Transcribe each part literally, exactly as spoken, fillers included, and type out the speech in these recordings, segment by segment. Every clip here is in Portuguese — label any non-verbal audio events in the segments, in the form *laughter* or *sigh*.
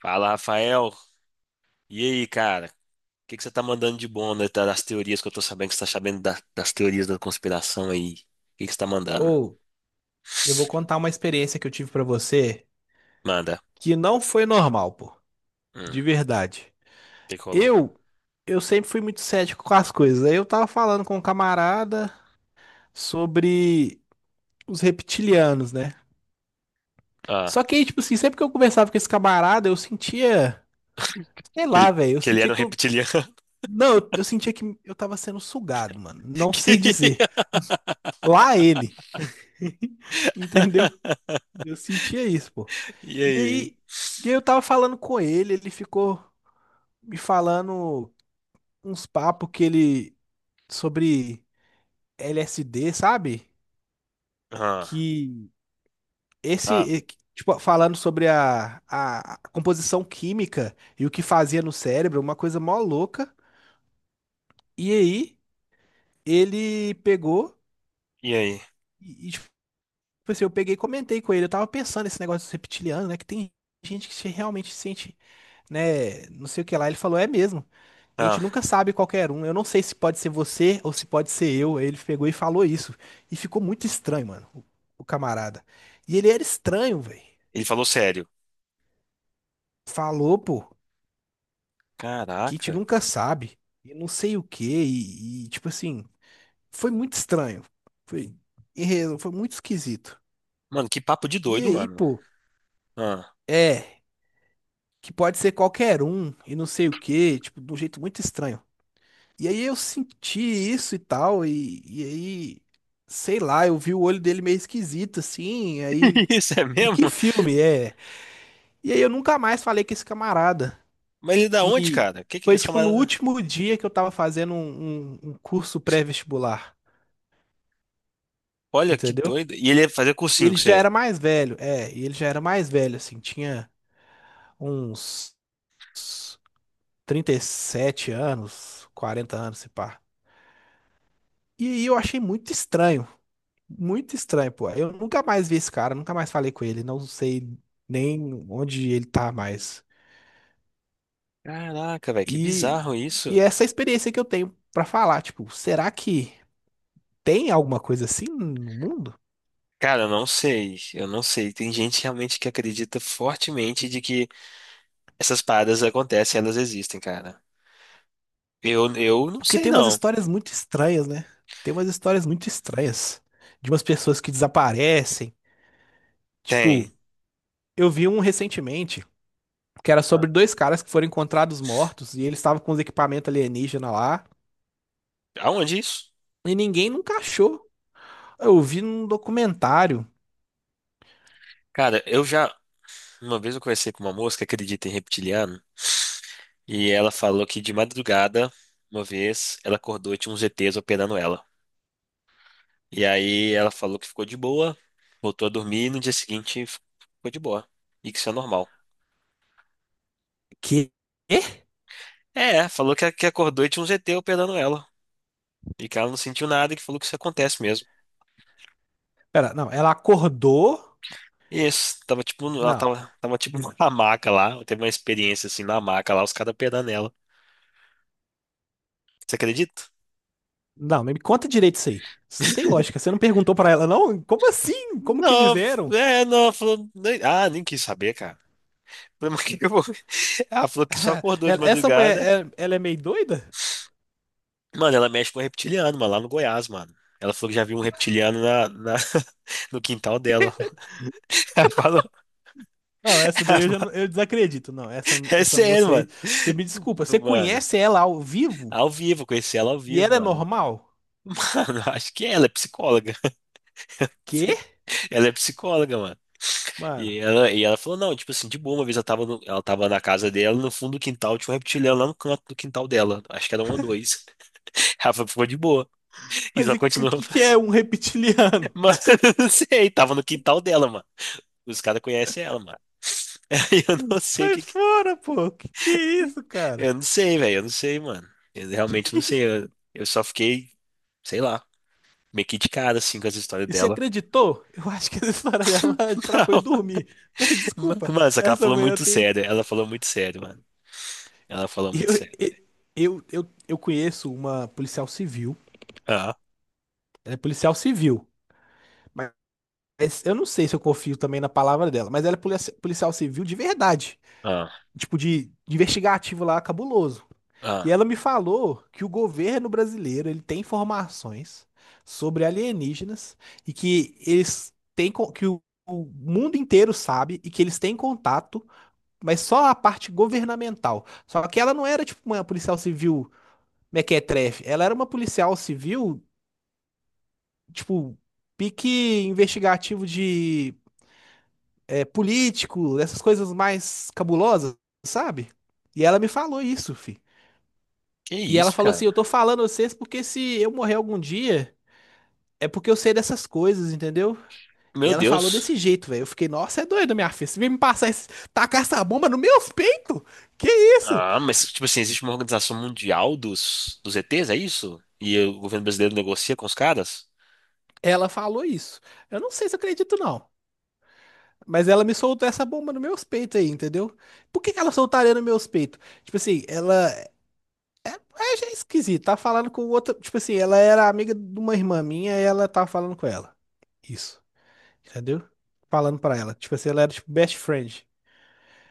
Fala, Rafael. E aí, cara? O que que você tá mandando de bom, né? Tá, das teorias que eu tô sabendo que você tá sabendo da- das teorias da conspiração aí? O que que você tá mandando? Ou eu vou contar uma experiência que eu tive pra você Manda. que não foi normal, pô. Hum, De o verdade. que que rolou? Eu eu sempre fui muito cético com as coisas. Aí eu tava falando com um camarada sobre os reptilianos, né? Ah, Só que aí, tipo assim, sempre que eu conversava com esse camarada, eu sentia, sei que lá, ele, velho, eu que ele sentia era um que eu reptiliano. *laughs* não, eu, eu sentia que eu tava sendo sugado, mano. Não sei Que- dizer. Lá ele, *laughs* entendeu? *laughs* Eu sentia isso, pô. E E aí? aí, e aí eu tava falando com ele, ele ficou me falando uns papos que ele sobre L S D, sabe? Ah, Que esse, ah, e- que, tipo, falando sobre a, a, a composição química e o que fazia no cérebro, uma coisa mó louca. E aí ele pegou e aí? e, e, tipo assim, eu peguei e comentei com ele. Eu tava pensando nesse negócio dos reptilianos, né? Que tem gente que se- realmente se sente, né? Não sei o que lá. Ele falou, é mesmo. E a gente Ah, nunca sabe qualquer um. Eu não sei se pode ser você ou se pode ser eu. Aí ele pegou e falou isso. E ficou muito estranho, mano, o, o camarada. E ele era estranho, velho. ele falou sério. Falou, pô, que a gente Caraca. nunca sabe. E não sei o quê. E, e, tipo assim, foi muito estranho. Foi, em resu- foi muito esquisito. Mano, que papo de E doido, aí, mano. pô, Ah, é, que pode ser qualquer um. E não sei o quê. Tipo, de um jeito muito estranho. E aí eu senti isso e tal, e, e aí, sei lá, eu vi o olho dele meio esquisito, assim, aí, *laughs* tipo, isso é e mesmo? que filme é? E aí eu nunca mais falei com esse camarada, Mas ele é da onde, que cara? Que que foi, esse tipo, no camarada... último dia que eu tava fazendo um, um- um curso pré-vestibular, Olha, que entendeu? doido. E ele ia fazer cursinho Ele com já você? era mais velho, é, e ele já era mais velho, assim, tinha uns trinta e sete anos, quarenta anos, se pá. E aí eu achei muito estranho, muito estranho, pô. Eu nunca mais vi esse cara, nunca mais falei com ele, não sei nem onde ele tá mais. Caraca, velho, que E, bizarro isso. e é essa experiência que eu tenho pra falar, tipo, será que tem alguma coisa assim no mundo? Cara, eu não sei, eu não sei. Tem gente realmente que acredita fortemente de que essas paradas acontecem, elas existem, cara. Eu, eu não Porque sei, tem umas não. histórias muito estranhas, né? Tem umas histórias muito estranhas de umas pessoas que desaparecem. Tipo, Tem. eu vi um recentemente que era Ah. sobre dois caras que foram encontrados mortos e eles estavam com os equipamentos alienígena lá Aonde isso? e ninguém nunca achou. Eu vi num documentário. Cara, eu já. Uma vez eu conversei com uma moça que acredita em reptiliano, e ela falou que de madrugada, uma vez, ela acordou e tinha uns E Tês operando ela. E aí ela falou que ficou de boa, voltou a dormir e no dia seguinte ficou de boa. E que isso é normal. Quê? É, falou que, que acordou e tinha um Zê Tê operando ela. E que ela não sentiu nada e que falou que isso acontece mesmo. Pera, não, ela acordou. E isso, tava tipo, no- ela Não, tava, tava tipo *laughs* na maca lá. Teve uma experiência assim na maca lá, os caras operando ela. Você acredita? não, me conta direito isso aí. Isso não tem lógica. Você não perguntou pra ela, não? Como assim? Como que eles Não, eram? é, não, falou. nem- Ah, nem quis saber, cara. *laughs* Falei, mas o que que eu vou *laughs* ver? Ah, falou que só acordou de Ela- Essa mulher, madrugada. é- ela é meio doida? Mano, ela mexe com um reptiliano, mano, lá no Goiás, mano. Ela falou que já viu um reptiliano na, na- *laughs* no quintal dela. *laughs* Ela falou, Não, essa ela daí eu já não- falou- eu desacredito. Não, essa, é essa sério, moça aí, mano. você me desculpa. Você Mano, conhece ela ao vivo? ao vivo, conheci ela ao E vivo, ela é mano. normal? *laughs* acho que ela é psicóloga. Quê? *laughs* Ela é psicóloga, mano. Mano, E ela, e ela falou, não, tipo assim, de boa, uma vez ela tava, no- ela tava na casa dela, no fundo do quintal tinha um reptiliano lá no canto do quintal dela. Acho que era um ou dois. *laughs* Ela falou, ficou de boa. E mas só o que, continuou que que fazendo. é um reptiliano? Mas *laughs* eu não sei, tava no quintal dela, mano. Os caras conhecem ela, mano. *laughs* Aí eu *laughs* não sei o Sai que, que- fora, pô. Que que é isso, cara? Eu não sei, velho. Eu não sei, mano. Eu realmente não sei. Eu, eu só fiquei, sei lá, meio que de cara, assim, com essa história E você dela. acreditou? Eu acho que essa história dela *laughs* é pra boi *laughs* dormir. *laughs* Teve desculpa. Não, mano, só que ela Essa falou manhã eu muito tenho. sério. Ela falou muito sério, mano. Ela falou muito Eu, sério. eu, eu, eu conheço uma policial civil. Ah, Ela é policial civil. Mas eu não sei se eu confio também na palavra dela. Mas ela é polici- policial civil de verdade. ah, Tipo, de, de investigativo lá, cabuloso. E ah. ela me falou que o governo brasileiro ele tem informações sobre alienígenas e que eles têm. co- Que o o mundo inteiro sabe e que eles têm contato, mas só a parte governamental. Só que ela não era tipo uma policial civil mequetrefe, ela era uma policial civil, tipo, pique investigativo de é, político, essas coisas mais cabulosas, sabe? E ela me falou isso, fi. Que E ela isso, falou assim: eu cara? tô falando a vocês porque se eu morrer algum dia, é porque eu sei dessas coisas, entendeu? E Meu ela falou desse Deus. jeito, velho. Eu fiquei, nossa, é doido, minha filha. Você vem me passar esse. Tacar essa bomba no meus peitos? Que isso? Ah, mas, tipo assim, existe uma organização mundial dos, dos E Tês, é isso? E o governo brasileiro negocia com os caras? Ela falou isso. Eu não sei se eu acredito, não. Mas ela me soltou essa bomba no meus peitos aí, entendeu? Por que que ela soltaria no meus peitos? Tipo assim, ela. É, é já esquisito. Tá falando com outra. Tipo assim, ela era amiga de uma irmã minha e ela tava falando com ela. Isso. Entendeu? Falando pra ela. Tipo assim, ela era tipo best friend.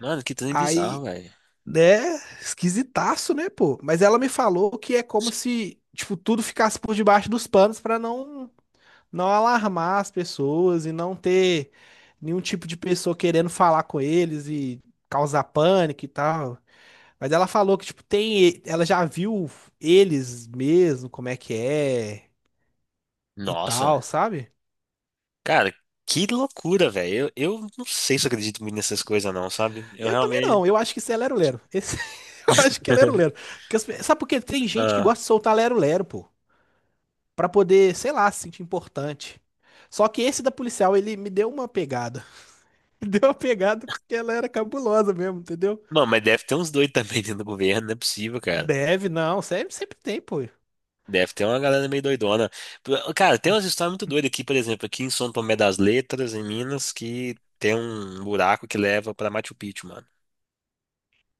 Mano, que trem bizarro, Aí, velho. né? Esquisitaço, né, pô? Mas ela me falou que é como se, tipo, tudo ficasse por debaixo dos panos pra não não alarmar as pessoas e não ter nenhum tipo de pessoa querendo falar com eles e causar pânico e tal. Mas ela falou que, tipo, tem, ela já viu eles mesmo, como é que é e Nossa. tal, sabe? Cara, que loucura, velho. Eu, eu não sei se eu acredito muito nessas coisas, não, sabe? Eu Eu também realmente. não, eu acho que isso é lero-lero. Esse- *laughs* Eu acho que é lero-lero. *laughs* Porque as pe- sabe por quê? Tem gente que Ah. gosta de soltar lero-lero, pô, pra poder, sei lá, se sentir importante. Só que esse da policial, ele me deu uma pegada. *laughs* Me deu uma pegada porque ela era cabulosa mesmo, entendeu? Mano, mas deve ter uns doidos também dentro do governo, não é possível. Deve, não. Sempre, sempre tem, pô. Deve ter uma galera meio doidona. Pro- Cara, tem umas histórias muito doidas aqui, por exemplo, aqui em São Tomé das Letras, em Minas, que tem um buraco que leva pra Machu Picchu, mano.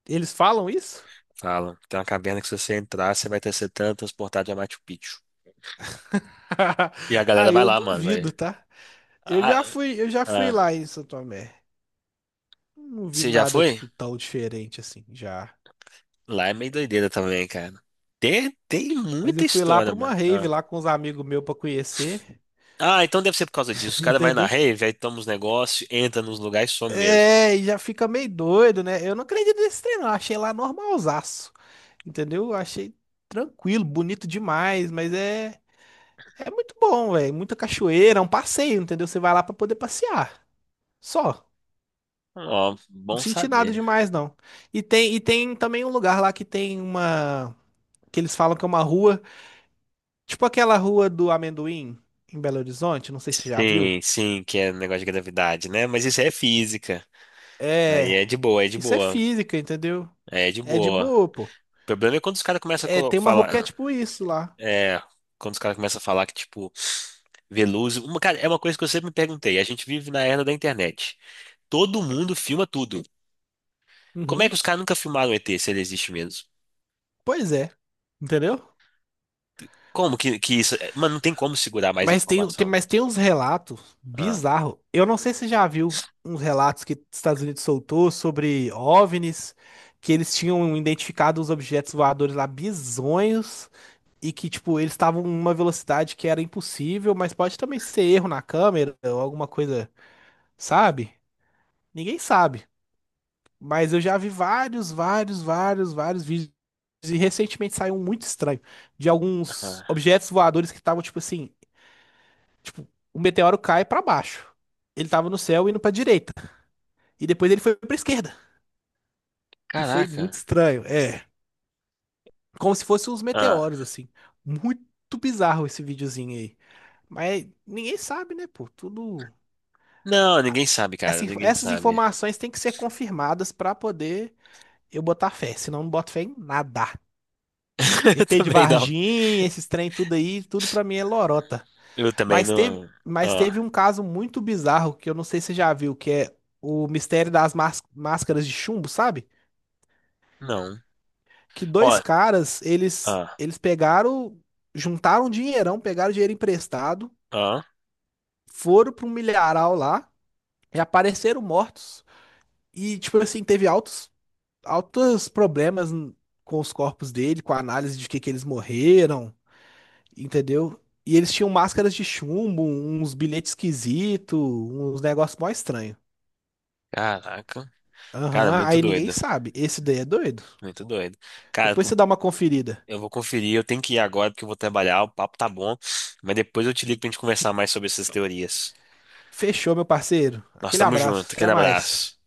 Eles falam isso? Falam, tem uma caverna que se você entrar, você vai ter ser tran- transportado a Machu Picchu. *laughs* E a Ah, galera vai eu lá, mano, vai. duvido, tá? Eu Ah, já fui, eu já fui ah, lá em São Tomé. Não vi você já nada, foi? tipo, tão diferente assim, já. Lá é meio doideira também, cara. Tem, tem Mas muita eu fui lá história, pra mano. uma rave Ah. lá com uns amigos meus pra conhecer, Ah, então deve ser por causa disso. Os *laughs* caras vai na entendeu? rave, aí toma os negócios, entra nos lugares e some mesmo. É, e já fica meio doido, né? Eu não acredito nesse trem, não. Achei lá normalzaço, entendeu? Achei tranquilo, bonito demais, mas é, é muito bom, velho. Muita cachoeira, é um passeio, entendeu? Você vai lá pra poder passear. Só. Ó, Não bom senti nada saber. demais, não. E tem, e tem também um lugar lá que tem uma. Que eles falam que é uma rua. Tipo aquela rua do amendoim em Belo Horizonte. Não sei se você já viu. Sim, sim, que é um negócio de gravidade, né? Mas isso aí é física. Aí É. é de boa, é de Isso é boa. física, entendeu? É de É de boa. boa, pô. O problema é quando os caras começam a É, colo- tem uma rua que é falar. tipo isso lá. É. Quando os caras começam a falar que, tipo, Veloso. Uma, cara, é uma coisa que eu sempre me perguntei. A gente vive na era da internet. Todo mundo filma tudo. Como é que Uhum. os caras nunca filmaram o E Tê se ele existe mesmo? Pois é. Entendeu? Como que, que isso. É, mano, não tem como segurar mais Mas tem, tem- informação. mas tem uns relatos Ah, bizarros. Eu não sei se você já viu uns relatos que os Estados Unidos soltou sobre O V NIs, que eles tinham identificado os objetos voadores lá bizonhos. E que, tipo, eles estavam em uma velocidade que era impossível, mas pode também ser erro na câmera ou alguma coisa, sabe? Ninguém sabe. Mas eu já vi vários, vários, vários, vários vídeos e recentemente saiu um muito estranho de alguns ah. objetos voadores que estavam, tipo assim, tipo, o meteoro cai pra baixo. Ele tava no céu indo pra direita e depois ele foi pra esquerda. E foi muito Caraca. estranho, é, como se fossem uns meteoros Ah. assim. Muito bizarro esse videozinho aí. Mas ninguém sabe, né, pô? Tudo Não, ninguém sabe, cara. Essa inf- Ninguém essas sabe. informações têm que ser confirmadas para poder eu botar fé, senão eu não boto fé em nada. *laughs* E T de Também não. Varginha, esses trem tudo aí, tudo para mim é lorota. Eu também Mas teve, não. mas teve Ah, um caso muito bizarro que eu não sei se você já viu, que é o mistério das más- máscaras de chumbo, sabe? não. Que Ó, dois caras, eles ah, eles pegaram, juntaram um dinheirão, pegaram dinheiro emprestado, ah, foram para um milharal lá e apareceram mortos. E tipo assim, teve altos altos problemas n- com os corpos dele, com a análise de que, que eles morreram, entendeu? E eles tinham máscaras de chumbo, uns bilhetes esquisitos, uns negócios mó estranhos. caraca. Cara, Aham, muito aí ninguém doido. sabe. Esse daí é doido. Muito doido. Cara, Depois você tu- dá uma conferida. eu vou conferir, eu tenho que ir agora porque eu vou trabalhar, o papo tá bom, mas depois eu te ligo pra gente conversar mais sobre essas teorias. Fechou, meu parceiro. Nós Aquele estamos juntos, abraço, até aquele mais. abraço.